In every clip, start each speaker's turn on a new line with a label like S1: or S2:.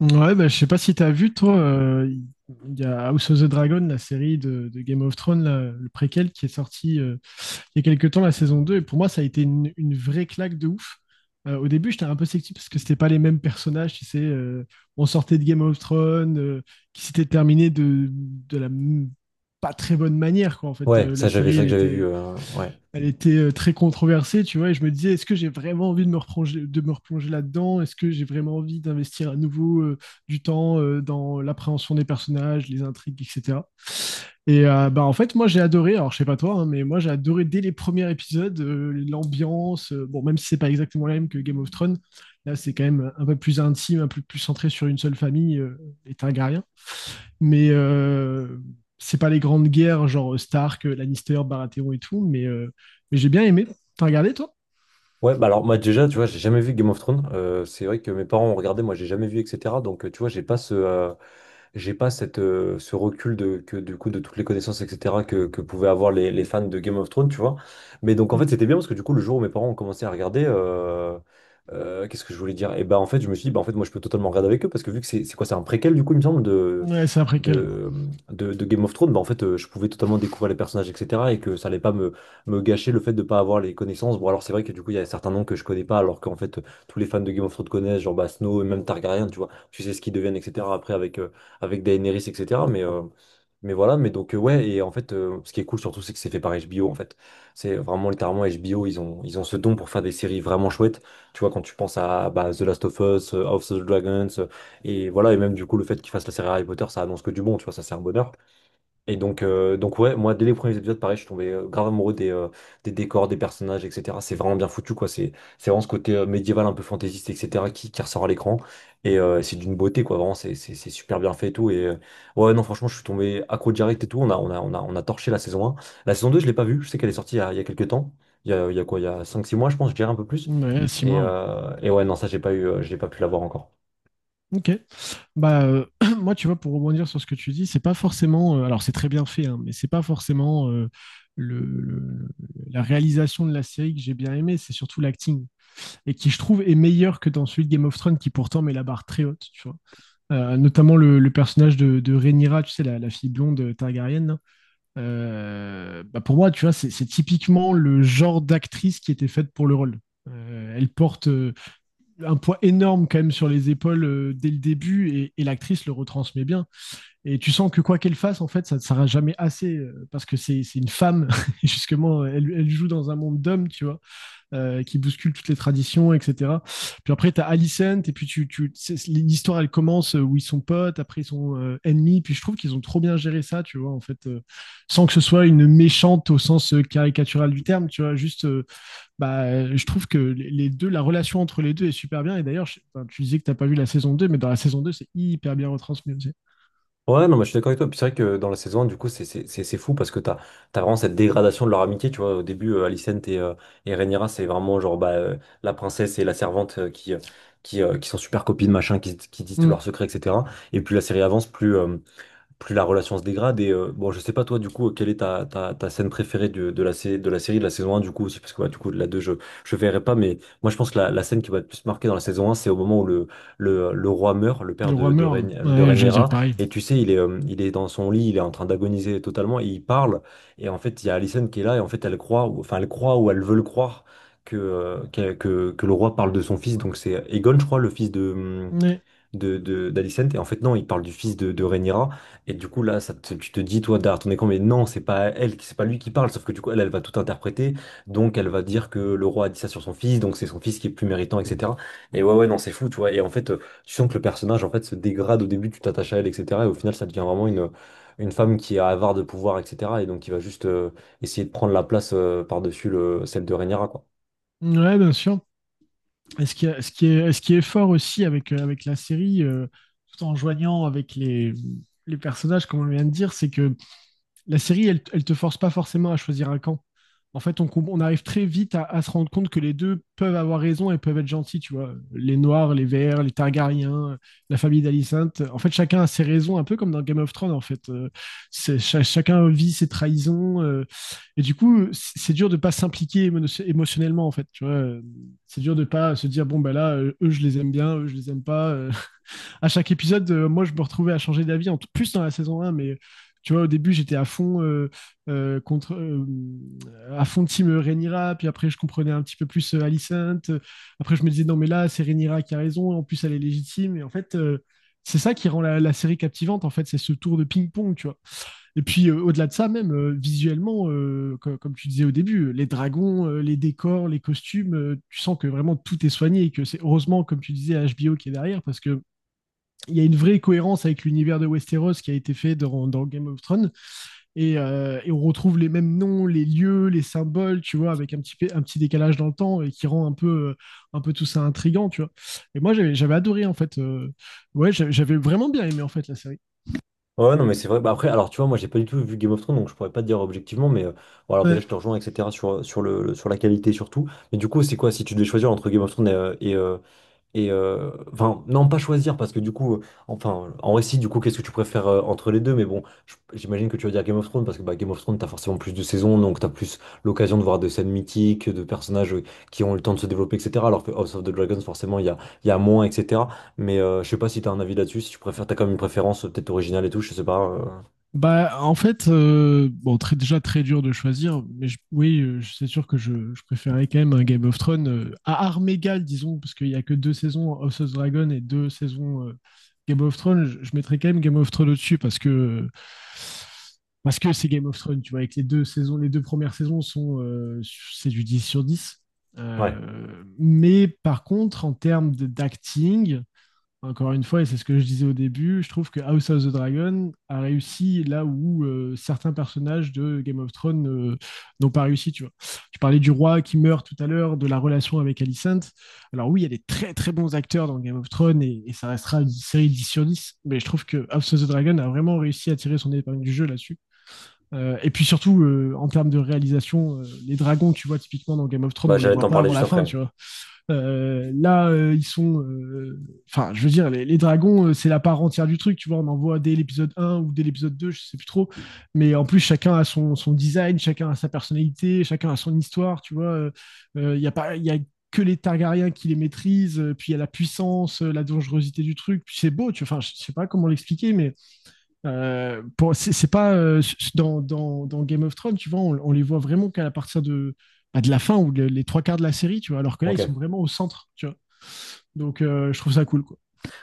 S1: Ouais, bah, je sais pas si t'as vu, toi, il y a House of the Dragon, la série de Game of Thrones, là, le préquel qui est sorti il y a quelques temps, la saison deux. Et pour moi, ça a été une vraie claque de ouf. Au début, j'étais un peu sceptique parce que c'était pas les mêmes personnages, tu sais, on sortait de Game of Thrones, qui s'était terminé de pas très bonne manière, quoi. En fait,
S2: Ouais,
S1: la
S2: ça j'avais, c'est
S1: série,
S2: vrai que j'avais vu. euh, ouais.
S1: elle était très controversée, tu vois, et je me disais, est-ce que j'ai vraiment envie de me replonger là-dedans? Est-ce que j'ai vraiment envie d'investir à nouveau du temps dans l'appréhension des personnages, les intrigues, etc. Et bah, en fait, moi j'ai adoré, alors je sais pas toi, hein, mais moi j'ai adoré dès les premiers épisodes, l'ambiance, bon, même si c'est pas exactement la même que Game of Thrones, là c'est quand même un peu plus intime, un peu plus centré sur une seule famille, les Targaryens. Mais c'est pas les grandes guerres, genre Stark, Lannister, Baratheon et tout, mais j'ai bien aimé. T'as regardé, toi?
S2: Ouais, bah alors moi déjà, tu vois, j'ai jamais vu Game of Thrones. C'est vrai que mes parents ont regardé, moi j'ai jamais vu, etc. Donc tu vois, j'ai pas j'ai pas ce recul du coup, de toutes les connaissances, etc., que pouvaient avoir les fans de Game of Thrones, tu vois. Mais donc, en fait,
S1: Mmh.
S2: c'était bien parce que du coup, le jour où mes parents ont commencé à regarder, qu'est-ce que je voulais dire? Et bah, en fait, je me suis dit, bah, en fait, moi, je peux totalement regarder avec eux parce que vu que c'est quoi, c'est un préquel, du coup, il me semble, de,
S1: Ouais, c'est après quel?
S2: de, de, de Game of Thrones, bah, en fait, je pouvais totalement découvrir les personnages, etc., et que ça allait pas me gâcher le fait de pas avoir les connaissances. Bon, alors, c'est vrai que du coup, il y a certains noms que je connais pas, alors qu'en fait, tous les fans de Game of Thrones connaissent, genre bah, Snow et même Targaryen, tu vois, tu sais ce qu'ils deviennent, etc., après, avec Daenerys, etc. Mais voilà, mais donc, ouais, et en fait, ce qui est cool surtout, c'est que c'est fait par HBO, en fait. C'est vraiment littéralement HBO, ils ont ce don pour faire des séries vraiment chouettes. Tu vois, quand tu penses à bah, The Last of Us, House of the Dragons, et voilà, et même du coup, le fait qu'ils fassent la série Harry Potter, ça annonce que du bon, tu vois, ça c'est un bonheur. Et donc ouais, moi, dès les premiers épisodes, pareil, je suis tombé grave amoureux des décors, des personnages, etc. C'est vraiment bien foutu, quoi. C'est vraiment ce côté médiéval, un peu fantaisiste, etc., qui ressort à l'écran. Et c'est d'une beauté, quoi. Vraiment, c'est super bien fait et tout. Et ouais, non, franchement, je suis tombé accro direct et tout. On a torché la saison 1. La saison 2, je l'ai pas vue. Je sais qu'elle est sortie il y a quelques temps. Il y a quoi? Il y a cinq six mois, je pense, je dirais un peu plus.
S1: Ouais, six mois, ouais.
S2: Et ouais, non, ça, j'ai pas pu la voir encore.
S1: Ok. Bah, moi, tu vois, pour rebondir sur ce que tu dis, c'est pas forcément, alors, c'est très bien fait, hein, mais c'est pas forcément le, le- la réalisation de la série que j'ai bien aimé, c'est surtout l'acting. Et qui, je trouve, est meilleur que dans celui de Game of Thrones, qui pourtant met la barre très haute, tu vois. Notamment le personnage de Rhaenyra, tu sais, la fille blonde, Targaryen, là. Bah pour moi, tu vois, c'est typiquement le genre d'actrice qui était faite pour le rôle. Elle porte, un poids énorme quand même sur les épaules, dès le début et l'actrice le retransmet bien. Et tu sens que quoi qu'elle fasse, en fait, ça ne sera jamais assez, parce que c'est une femme. Et justement, elle, elle joue dans un monde d'hommes, tu vois, qui bouscule toutes les traditions, etc. Puis après, tu as Alicent, et puis l'histoire, elle commence, où ils sont potes, après ils sont, ennemis, puis je trouve qu'ils ont trop bien géré ça, tu vois, en fait, sans que ce soit une méchante au sens, caricatural du terme, tu vois, juste, bah, je trouve que les deux, la relation entre les deux est super bien, et d'ailleurs, je, enfin, tu disais que t'as pas vu la saison 2, mais dans la saison 2 c'est hyper bien retransmis aussi.
S2: Ouais, non, mais je suis d'accord avec toi. Puis c'est vrai que dans la saison 1, du coup, c'est fou parce que t'as vraiment cette dégradation de leur amitié. Tu vois, au début, Alicent et Rhaenyra, c'est vraiment genre bah, la princesse et la servante qui sont super copines, qui disent tous leurs
S1: Mmh.
S2: secrets, etc. Et plus la série avance, plus la relation se dégrade. Et bon, je sais pas toi, du coup, quelle est ta scène préférée de la série, de la saison 1, du coup, aussi, parce que ouais, du coup, de la deux, je verrai pas, mais moi, je pense que la scène qui va le plus marquer dans la saison 1, c'est au moment où le roi meurt, le père
S1: Le roi
S2: de, de,
S1: meurt,
S2: Rhaeny- de
S1: ouais, j'allais dire
S2: Rhaenyra,
S1: pareil.
S2: et tu sais, il est dans son lit, il est en train d'agoniser totalement, et il parle, et en fait, il y a Alicent qui est là, et en fait, enfin, elle croit ou elle veut le croire. Que le roi parle de son fils, donc c'est Aegon, je crois, le fils hum,
S1: Mais...
S2: d'Alicent. Et en fait, non, il parle du fils de Rhaenyra. Et du coup, là, tu te dis, toi, d'art, on est con, mais non, c'est pas lui qui parle. Sauf que du coup, elle, elle va tout interpréter. Donc, elle va dire que le roi a dit ça sur son fils. Donc, c'est son fils qui est plus méritant, etc. Et ouais, non, c'est fou, tu vois. Et en fait, tu sens que le personnage, en fait, se dégrade au début, tu t'attaches à elle, etc. Et au final, ça devient vraiment une femme qui est avare de pouvoir, etc. Et donc, qui va juste essayer de prendre la place par-dessus celle de Rhaenyra, quoi.
S1: Ouais, bien sûr. Et ce qui est fort aussi avec, avec la série, tout en joignant avec les personnages, comme on vient de dire, c'est que la série, elle, elle te force pas forcément à choisir un camp. En fait, on arrive très vite à se rendre compte que les deux peuvent avoir raison et peuvent être gentils, tu vois. Les Noirs, les Verts, les Targaryens, la famille d'Alicente. En fait, chacun a ses raisons, un peu comme dans Game of Thrones, en fait. Chacun vit ses trahisons, et du coup, c'est dur de pas s'impliquer émotionnellement, en fait, tu vois. C'est dur de pas se dire, bon, ben là, eux, je les aime bien, eux, je les aime pas, à chaque épisode, moi, je me retrouvais à changer d'avis, en plus dans la saison un, mais tu vois, au début, j'étais à fond, contre, à fond team Rhaenyra, puis après, je comprenais un petit peu plus, Alicent. Après, je me disais, non, mais là, c'est Rhaenyra qui a raison, en plus, elle est légitime. Et en fait, c'est ça qui rend la série captivante, en fait, c'est ce tour de ping-pong, tu vois. Et puis, au-delà de ça, même, visuellement, comme tu disais au début, les dragons, les décors, les costumes, tu sens que vraiment tout est soigné et que c'est heureusement, comme tu disais, HBO qui est derrière, parce que il y a une vraie cohérence avec l'univers de Westeros qui a été fait dans Game of Thrones et, on retrouve les mêmes noms, les lieux, les symboles, tu vois, avec un petit décalage dans le temps et qui rend un peu tout ça intrigant, tu vois. Et moi, j'avais adoré en fait. Ouais, j'avais vraiment bien aimé en fait la série.
S2: Ouais, non, mais c'est vrai. Bah, après, alors tu vois, moi j'ai pas du tout vu Game of Thrones, donc je pourrais pas te dire objectivement, mais bon, alors déjà
S1: Ouais.
S2: je te rejoins, etc., sur la qualité surtout. Mais du coup, c'est quoi si tu devais choisir entre Game of Thrones et enfin, non, pas choisir, parce que du coup, enfin, en récit, du coup, qu'est-ce que tu préfères entre les deux? Mais bon, j'imagine que tu vas dire Game of Thrones, parce que bah, Game of Thrones, t'as forcément plus de saisons, donc t'as plus l'occasion de voir des scènes mythiques, de personnages qui ont le temps de se développer, etc. Alors que House of the Dragons, forcément, il y a moins, etc. Mais je sais pas si t'as un avis là-dessus, si tu préfères, t'as quand même une préférence peut-être originale et tout, je sais pas.
S1: Bah, en fait, bon, très, déjà très dur de choisir, mais oui, c'est sûr que je préférais quand même un Game of Thrones, à armes égales, disons, parce qu'il n'y a que deux saisons House of Dragon et deux saisons, Game of Thrones. Je mettrais quand même Game of Thrones au-dessus parce que c'est Game of Thrones, tu vois, avec les deux saisons, les deux premières saisons sont, c'est du 10 sur dix.
S2: Ouais,
S1: Mais par contre, en d'acting. Encore une fois, et c'est ce que je disais au début, je trouve que House of the Dragon a réussi là où, certains personnages de Game of Thrones, n'ont pas réussi, tu vois. Tu parlais du roi qui meurt tout à l'heure, de la relation avec Alicent. Alors oui, il y a des très très bons acteurs dans Game of Thrones et ça restera une série 10 sur 10, mais je trouve que House of the Dragon a vraiment réussi à tirer son épingle du jeu là-dessus. Et puis surtout, en termes de réalisation, les dragons, tu vois, typiquement dans Game of Thrones,
S2: bah
S1: on les
S2: j'allais
S1: voit
S2: t'en
S1: pas
S2: parler
S1: avant
S2: juste
S1: la fin,
S2: après.
S1: tu vois. Là, ils sont, enfin, je veux dire, les dragons, c'est la part entière du truc. Tu vois, on en voit dès l'épisode un ou dès l'épisode 2, je sais plus trop. Mais en plus, chacun a son, son design, chacun a sa personnalité, chacun a son histoire. Tu vois, euh, il y a pas, il y a que les Targaryens qui les maîtrisent, puis il y a la puissance, la dangerosité du truc. Puis c'est beau. Tu vois, enfin, je sais pas comment l'expliquer, mais c'est pas dans Game of Thrones, tu vois, on les voit vraiment qu'à partir de, bah, de la fin ou les trois quarts de la série, tu vois, alors que là, ils sont
S2: Ok.
S1: vraiment au centre, tu vois. Donc, je trouve ça cool, quoi.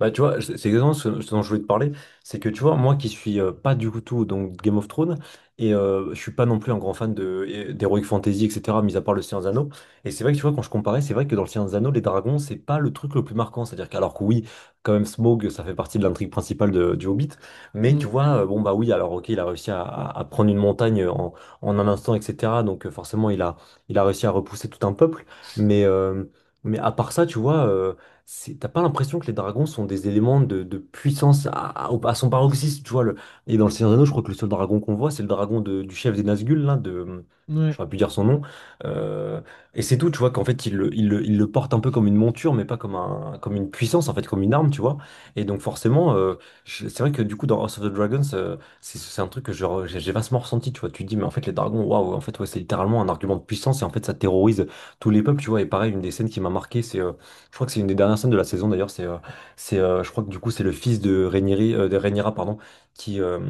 S2: Bah, tu vois, c'est exactement ce dont je voulais te parler. C'est que, tu vois, moi qui suis pas du tout donc Game of Thrones, et je suis pas non plus un grand fan d'Heroic Fantasy, etc., mis à part le Seigneur des Anneaux. Et c'est vrai que, tu vois, quand je comparais, c'est vrai que dans le Seigneur des Anneaux, les dragons, c'est pas le truc le plus marquant. C'est-à-dire qu'alors que oui, quand même, Smaug, ça fait partie de l'intrigue principale du Hobbit. Mais tu
S1: Mm.
S2: vois, bon, bah oui, alors ok, il a réussi à prendre une montagne en un instant, etc. Donc forcément, il a réussi à repousser tout un peuple. Mais, euh, mais à part ça, tu vois t'as pas l'impression que les dragons sont des éléments de puissance à son paroxysme, tu vois. Le... Et dans le Seigneur des Anneaux, je crois que le seul dragon qu'on voit, c'est le dragon du chef des Nazgûl, là, de...
S1: Ouais.
S2: J'aurais pu dire son nom. Euh, et c'est tout, tu vois, qu'en fait, il le porte un peu comme une monture, mais pas comme comme une puissance, en fait, comme une arme, tu vois. Et donc, forcément, c'est vrai que du coup, dans House of the Dragons, c'est un truc que je re- j'ai vastement ressenti, tu vois. Tu te dis, mais en fait, les dragons, waouh, en fait, ouais, c'est littéralement un argument de puissance, et en fait, ça terrorise tous les peuples, tu vois. Et pareil, une des scènes qui m'a marqué, c'est. Je crois que c'est une des dernières scènes de la saison d'ailleurs. Je crois que du coup c'est le fils de Rhaenyra, pardon, qui, euh,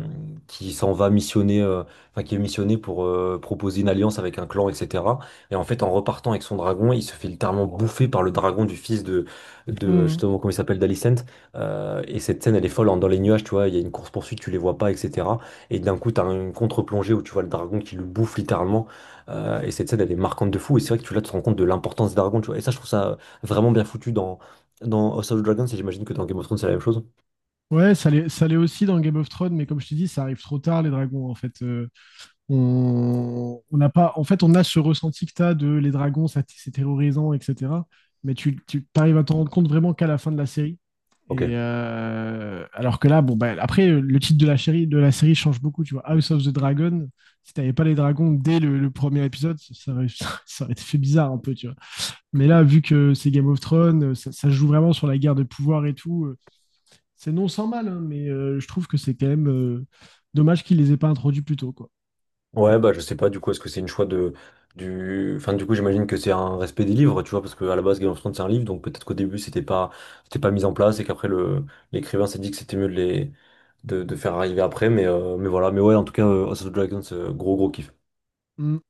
S2: qui s'en va missionner, enfin qui est missionné pour proposer une alliance avec un clan, etc. Et en fait, en repartant avec son dragon, il se fait littéralement bouffer par le dragon du fils de
S1: Mm.
S2: justement comment il s'appelle, d'Alicent. Et cette scène, elle est folle, hein. Dans les nuages, tu vois, il y a une course poursuite, tu les vois pas, etc. Et d'un coup, t'as une contre-plongée où tu vois le dragon qui le bouffe littéralement. Et cette scène, elle est marquante de fou. Et c'est vrai que tu là, tu te rends compte de l'importance des dragons, tu vois. Et ça, je trouve ça vraiment bien foutu dans House of the Dragons et j'imagine que dans Game of Thrones c'est la même chose.
S1: Ouais, ça l'est aussi dans Game of Thrones, mais comme je t'ai dit, ça arrive trop tard, les dragons, en fait. On n'a pas, en fait, on a ce ressenti que tu as de les dragons, ça, c'est terrorisant, etc. Mais tu arrives à t'en rendre compte vraiment qu'à la fin de la série. Et
S2: Ok.
S1: alors que là, bon, bah, après, le titre de la série change beaucoup. Tu vois, House of the Dragon, si t'avais pas les dragons dès le premier épisode, ça aurait, ça aurait été fait bizarre un peu, tu vois. Mais là, vu que c'est Game of Thrones, ça joue vraiment sur la guerre de pouvoir et tout, c'est non sans mal, hein, mais je trouve que c'est quand même, dommage qu'ils les aient pas introduits plus tôt, quoi.
S2: Ouais, bah je sais pas du coup, est-ce que c'est une choix de du. Enfin, du coup, j'imagine que c'est un respect des livres, tu vois, parce que à la base Game of Thrones c'est un livre, donc peut-être qu'au début c'était pas mis en place et qu'après le l'écrivain s'est dit que c'était mieux de faire arriver après, mais voilà, mais ouais, en tout cas, House of the Dragons, gros gros kiff.
S1: Mm.